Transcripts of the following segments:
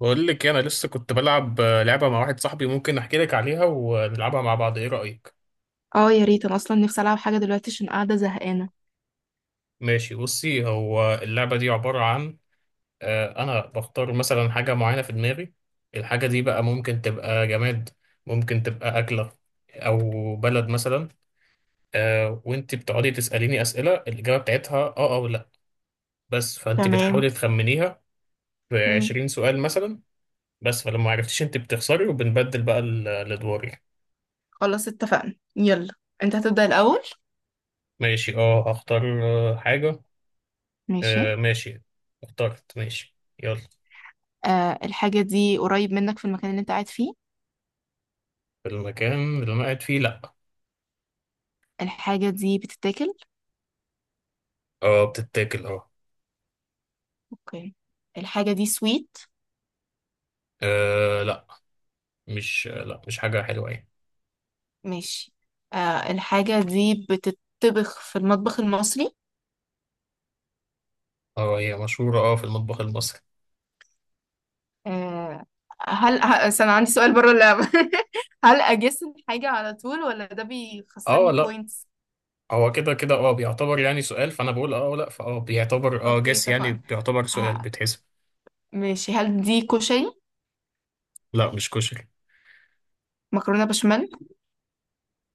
بقول لك إيه، انا لسه كنت بلعب لعبه مع واحد صاحبي. ممكن احكي لك عليها ونلعبها مع بعض، ايه رايك؟ اه يا ريت، انا اصلا نفسي العب حاجه دلوقتي عشان قاعده زهقانه. ماشي بصي، هو اللعبه دي عباره عن انا بختار مثلا حاجه معينه في دماغي. الحاجه دي بقى ممكن تبقى جماد، ممكن تبقى اكله، او بلد مثلا. وانت بتقعدي تساليني اسئله الاجابه بتاعتها اه او لا، بس فانت تمام. بتحاولي تخمنيها. في مم. 20 سؤال مثلا. بس فلما عرفتيش انت بتخسري، وبنبدل بقى الادوار يعني. خلاص اتفقنا، يلا. انت هتبدا الاول. ماشي اه، هختار حاجه. ماشي. آه ماشي. اخترت ماشي، يلا. الحاجه دي قريب منك في المكان اللي انت قاعد فيه؟ المكان اللي انا قاعد فيه لا. الحاجه دي بتتاكل؟ اه بتتاكل اه. اوكي. الحاجه دي سويت؟ لا. مش لا، مش حاجة حلوة يعني. ماشي. الحاجه دي بتطبخ في المطبخ المصري؟ اه، هي مشهورة اه في المطبخ المصري. آه. هل استنى، عندي سؤال بره اللعبه. هل اجس الحاجه على طول ولا ده اه بيخسرني لا. بوينتس؟ هو كده كده اه بيعتبر يعني سؤال، فانا بقول اه لا، فاه بيعتبر اه اوكي، جس يعني، اتفقنا. بيعتبر سؤال ه- بتحسب. ماشي، هل دي كشري؟ لا مش كشري. مكرونة بشاميل؟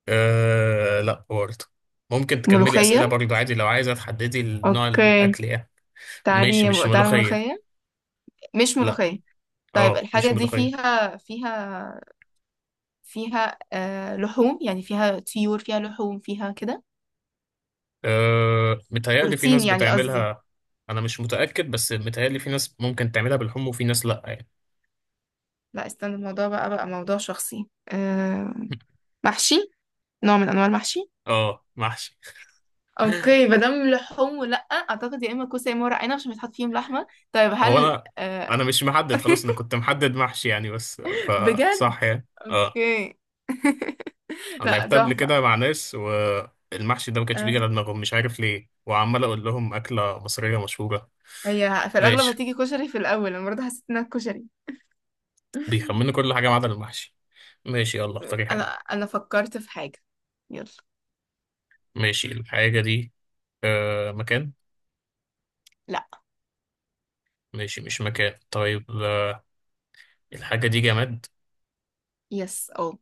آه لا برضه. ممكن تكملي أسئلة ملوخية؟ برضه عادي لو عايزة تحددي نوع اوكي. الأكل يعني. ماشي مش تعالي تعالي، ملوخية. ملوخية. مش لا ملوخية. طيب، اه، الحاجة مش دي ملوخية. فيها فيها لحوم، يعني فيها طيور، فيها لحوم، فيها كده. أه متهيألي في بروتين ناس يعني قصدي. بتعملها. أنا مش متأكد، بس متهيألي في ناس ممكن تعملها بالحمص وفي ناس لأ يعني. لا، استنى، الموضوع بقى موضوع شخصي، آه. محشي. نوع من انواع المحشي. اه محشي. اوكي، ما دام لحوم، ولا اعتقد يا اما كوسه يا اما ورق عنب عشان بيتحط فيهم لحمه. طيب، هو هل أنا، آه أنا مش محدد خلاص، أنا كنت محدد محشي يعني، بس بجد. فصح يعني اه. اوكي. أنا لا، لعبتها قبل تحفه. كده مع ناس والمحشي ده ما كانش بيجي على آه. دماغهم، مش عارف ليه، وعمال أقول لهم أكلة مصرية مشهورة. هي في الأغلب ماشي، هتيجي كشري في الأول، أنا برضه حسيت إنها كشري. بيخمنوا كل حاجة ما عدا المحشي. ماشي، يلا اختاري أنا حاجة. أنا فكرت في حاجة. يلا. ماشي الحاجة دي أه مكان. لا. ماشي مش مكان. طيب الحاجة دي جماد. يس أو.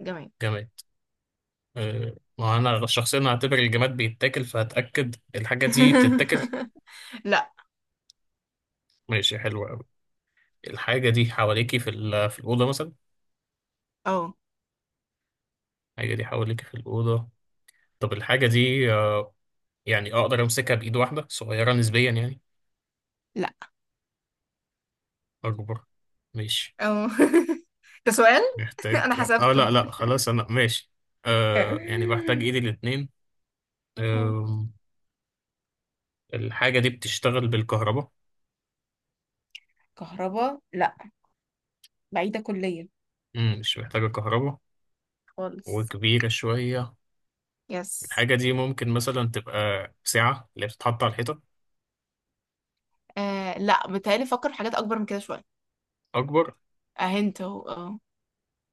جميل. جماد ما انا شخصيا هعتبر الجماد بيتاكل، فهتاكد الحاجه دي بتتاكل. لا. ماشي، حلوه قوي. الحاجه دي حواليكي في الاوضه مثلا. أو. الحاجه دي حواليكي في الاوضه. طب الحاجه دي يعني اقدر امسكها بايد واحده، صغيره نسبيا يعني. لا. اكبر، ماشي. أو. ده سؤال. محتاج. أنا اه حسبته. لا لا خلاص انا ماشي. آه، يعني بحتاج ايدي الاتنين. آه الحاجه دي بتشتغل بالكهرباء. كهرباء، لا. بعيدة كليا. مش محتاجه كهرباء. خالص. وكبيره شويه. يس. الحاجة دي ممكن مثلا تبقى ساعة اللي بتتحط على الحيطة. لا، بتهيألي فكر في حاجات أكبر من كده شوية. أكبر؟ اه انت اهو اه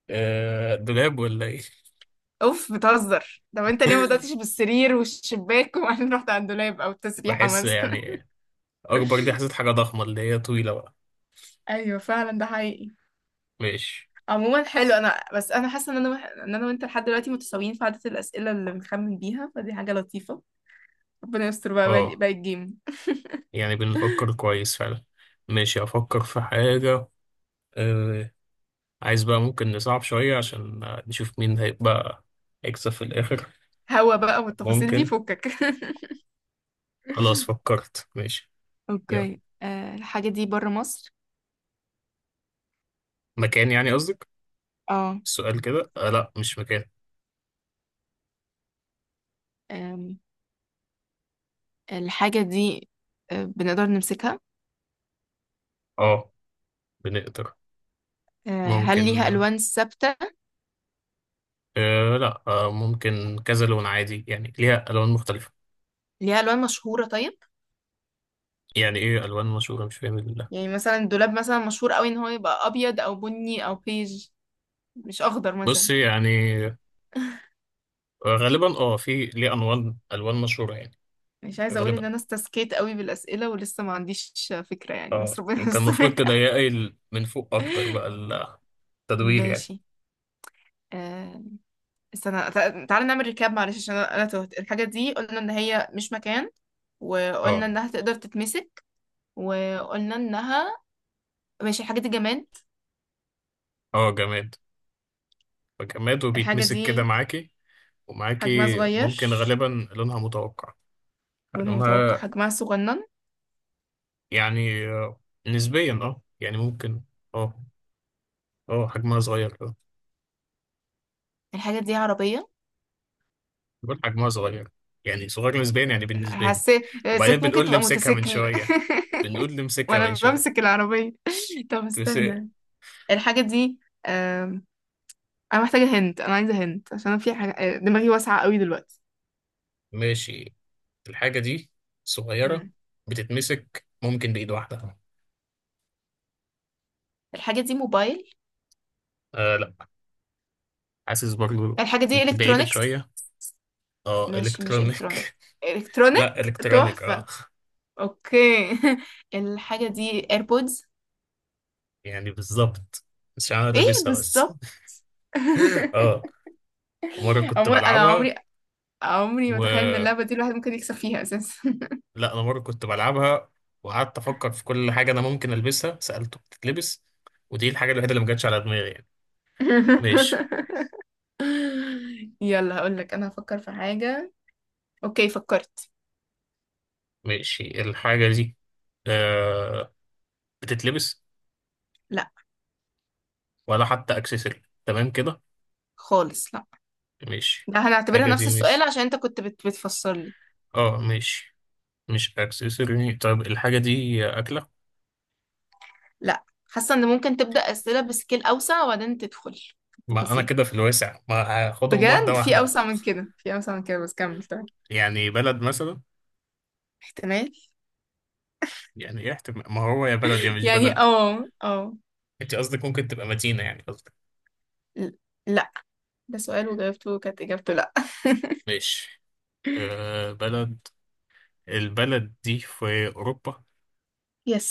دولاب ولا إيه؟ اوف بتهزر، طب انت ليه ما بدأتش بالسرير والشباك وبعدين رحت على الدولاب او التسريحة بحس مثلا؟ يعني، أكبر دي حسيت حاجة ضخمة اللي هي طويلة بقى. ايوه فعلا، ده حقيقي. ماشي. عموما حلو، بس انا بس انا حاسه ان انا وانت لحد دلوقتي متساويين في عدد الاسئله اللي بنخمن بيها، فدي حاجه لطيفه. ربنا يستر بقى، باقي اه، الجيم. يعني بنفكر كويس فعلا. ماشي، أفكر في حاجة. آه، عايز بقى ممكن نصعب شوية عشان نشوف مين هيبقى هيكسب في الآخر. هوا بقى، والتفاصيل دي ممكن. فكك. خلاص فكرت، ماشي. يلا، اوكي، الحاجة دي بره مصر؟ مكان يعني قصدك؟ اه. السؤال كده آه لا، مش مكان. أم، الحاجة دي، بنقدر نمسكها؟ اه بنقدر. هل ليها ممكن. ألوان ثابتة؟ أه لا، أه ممكن كذا لون عادي يعني، ليها ألوان مختلفة. ليها ألوان مشهورة، طيب؟ يعني إيه ألوان مشهورة، مش فاهم، الله. يعني مثلا الدولاب مثلا مشهور قوي ان هو يبقى أبيض أو بني أو بيج. مش أخضر بص مثلا. يعني، غالبا أه، في ليه ألوان مشهورة يعني. مش عايزة أقول إن غالبا أنا استسكيت قوي بالأسئلة ولسه ما عنديش فكرة يعني، أه. بس ربنا كان المفروض يستر. تضيقي من فوق أكتر بقى، التدوير يعني. ماشي، آه، استنى، تعالى نعمل ريكاب معلش، عشان أنا تهت. الحاجة دي قلنا إن هي مش مكان. وقلنا أه. إنها تقدر تتمسك. وقلنا إنها. ماشي، الحاجة دي جماد. أه جماد. فجماد الحاجة وبيتمسك كده دي معاكي حجمها ومعاكي. صغير. ممكن غالبا. لونها متوقع. لونها متوقع، حجمها حجمها صغنن. يعني نسبيا أه يعني ممكن. أه. أه حجمها صغير. الحاجة دي عربية. بقول حجمها صغير، يعني صغير نسبيا يعني بالنسبة لي. حسيت وبعدين حسيت ممكن بنقول لي تبقى امسكها من موتوسيكل. شوية، بنقول لي امسكها من وأنا بمسك شوية العربية. طب تمسك. استنى. الحاجة دي، انا عايزه هنت، عشان أنا في حاجه، دماغي واسعه قوي دلوقتي. ماشي، الحاجة دي صغيرة، مم. بتتمسك ممكن بإيد واحدة. الحاجة دي موبايل؟ آه لا، حاسس برضو الحاجة دي انت بعيدة الكترونيكس؟ شوية. اه ماشي، مش الكترونيك. الكترونيك. لا الكترونيك الكترونيك اه. تحفه. اوكي. الحاجة دي ايربودز؟ يعني بالظبط، مش انا ايه لابسها بس. بالظبط. اه. مرة كنت عموما انا بلعبها عمري ما اتخيل و... ان اللعبه دي الواحد ممكن يكسب فيها اساسا. لا انا مره كنت بلعبها، وقعدت افكر في كل حاجه انا ممكن البسها، سالته بتتلبس، ودي الحاجه الوحيده اللي ما جاتش على دماغي يعني. ماشي. يلا، هقول لك انا هفكر في حاجه. اوكي، فكرت. ماشي الحاجه دي آه بتتلبس لا. ولا حتى اكسسوري تمام كده. خالص، لا. ماشي. ده هنعتبرها الحاجه نفس دي السؤال مش، عشان انت بتفسر لي. اه ماشي، مش اكسسوري. طيب الحاجه دي اكله. لا. حاسه ان ممكن تبدا اسئله بسكيل اوسع وبعدين تدخل في ما انا التفاصيل. كده في الواسع، ما هاخدهم واحده بجد، في واحده. اوسع من كده، في اوسع من كده، بس كمل طيب. يعني بلد مثلا. احتمال. يعني ايه احتمال، ما هو يا بلد يا مش يعني بلد. انت قصدك ممكن تبقى مدينه يعني قصدك. ل- لا. ده سؤال وجاوبته كانت اجابته لا. ماشي بلد. البلد دي في أوروبا. يس.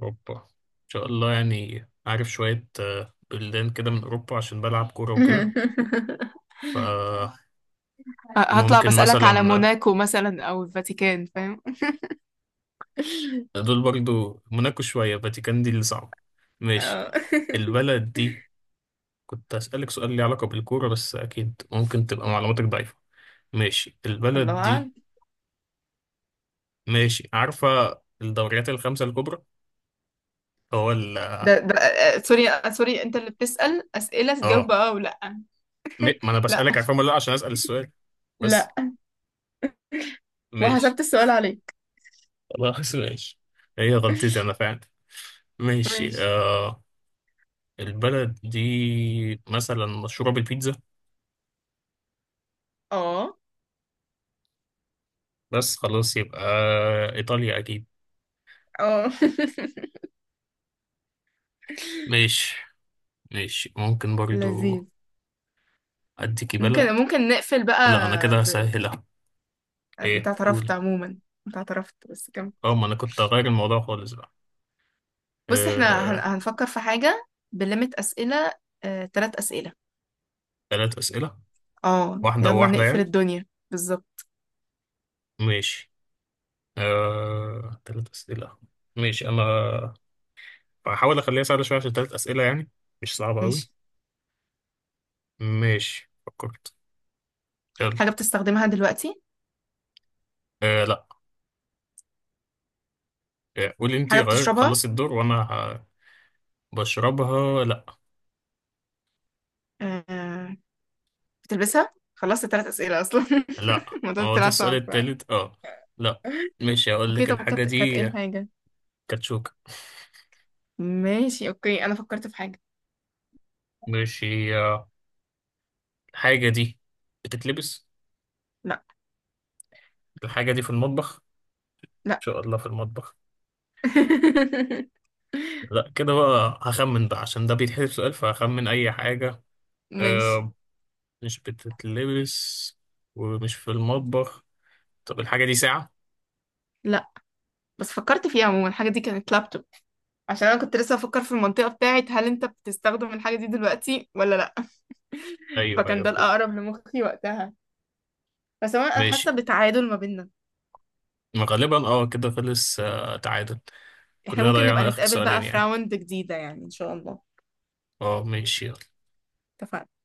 اوروبا إن شاء الله، يعني عارف شوية بلدان كده من أوروبا عشان بلعب كورة وكده، فممكن. هطلع بسألك على مثلا موناكو مثلا او الفاتيكان، فاهم؟ دول برضو، موناكو شوية، فاتيكان دي اللي صعب. ماشي اه. البلد دي، كنت هسألك سؤال ليه علاقة بالكورة، بس أكيد ممكن تبقى معلوماتك ضعيفة. ماشي الله البلد دي. اعلم. ماشي عارفة الدوريات الخمسة الكبرى؟ هو ال، ده ده سوري، سوري، انت اللي بتسأل اسئله اه تجاوب اه ولا؟ ما أنا لا. بسألك عارفة ولا لأ عشان أسأل السؤال بس. لا. ماشي، وحسبت السؤال عليك. خلاص ماشي، هي غلطتي أنا فعلا. ماشي ماشي. آه، البلد دي مثلا مشهورة بالبيتزا. اه بس خلاص يبقى إيطاليا أكيد. اه ماشي. ماشي ممكن برضو. لذيذ. أديكي بلد. ممكن نقفل بقى. لا أنا كده ب... هسهلها. انت إيه اعترفت قول؟ عموما. انت اعترفت بس كم. أه ما أنا كنت هغير الموضوع خالص بقى. بص احنا آه هنفكر في حاجة. بليمت أسئلة. تلات أسئلة. تلات أسئلة، اه واحدة يلا وواحدة نقفل يعني. الدنيا بالظبط. ماشي آه تلات أسئلة. ماشي، أنا هحاول أخليها سهلة شوية عشان تلات أسئلة يعني، مش صعبة ماشي. أوي. ماشي، فكرت، يلا. حاجة بتستخدمها دلوقتي؟ آه لا. قولي انت حاجة غير، بتشربها؟ خلصي الدور وانا بشربها لا. آه... بتلبسها، خلصت تلات أسئلة أصلا. لا، الموضوع هو ده طلع السؤال صعب. التالت اه. لا. ماشي هقول اوكي، لك طب الحاجة كانت دي ايه الحاجة؟ كاتشوكة. ماشي، اوكي، انا فكرت في حاجة. ماشي الحاجة دي بتتلبس. لا. الحاجة دي في المطبخ لا. ان شاء الله، في المطبخ. لا كده بقى هخمن بقى، عشان ده بيتحسب سؤال، فهخمن اي حاجة. ماشي. آه، مش بتتلبس ومش في المطبخ. طب الحاجة دي ساعة. بس فكرت فيها، عموما الحاجة دي كانت لابتوب، عشان أنا كنت لسه بفكر في المنطقة بتاعت هل أنت بتستخدم الحاجة دي دلوقتي ولا لأ. ايوه فكان ايوه، ده فهمت. الأقرب لمخي وقتها. بس عموما أنا ماشي. حاسة بتعادل ما بيننا. ما غالبا اه كده خلص تعادل. احنا كلنا ممكن نبقى ضيعنا اخر نتقابل بقى سؤالين في يعني. راوند جديدة يعني إن شاء الله. اه ماشي، يلا. اتفقنا.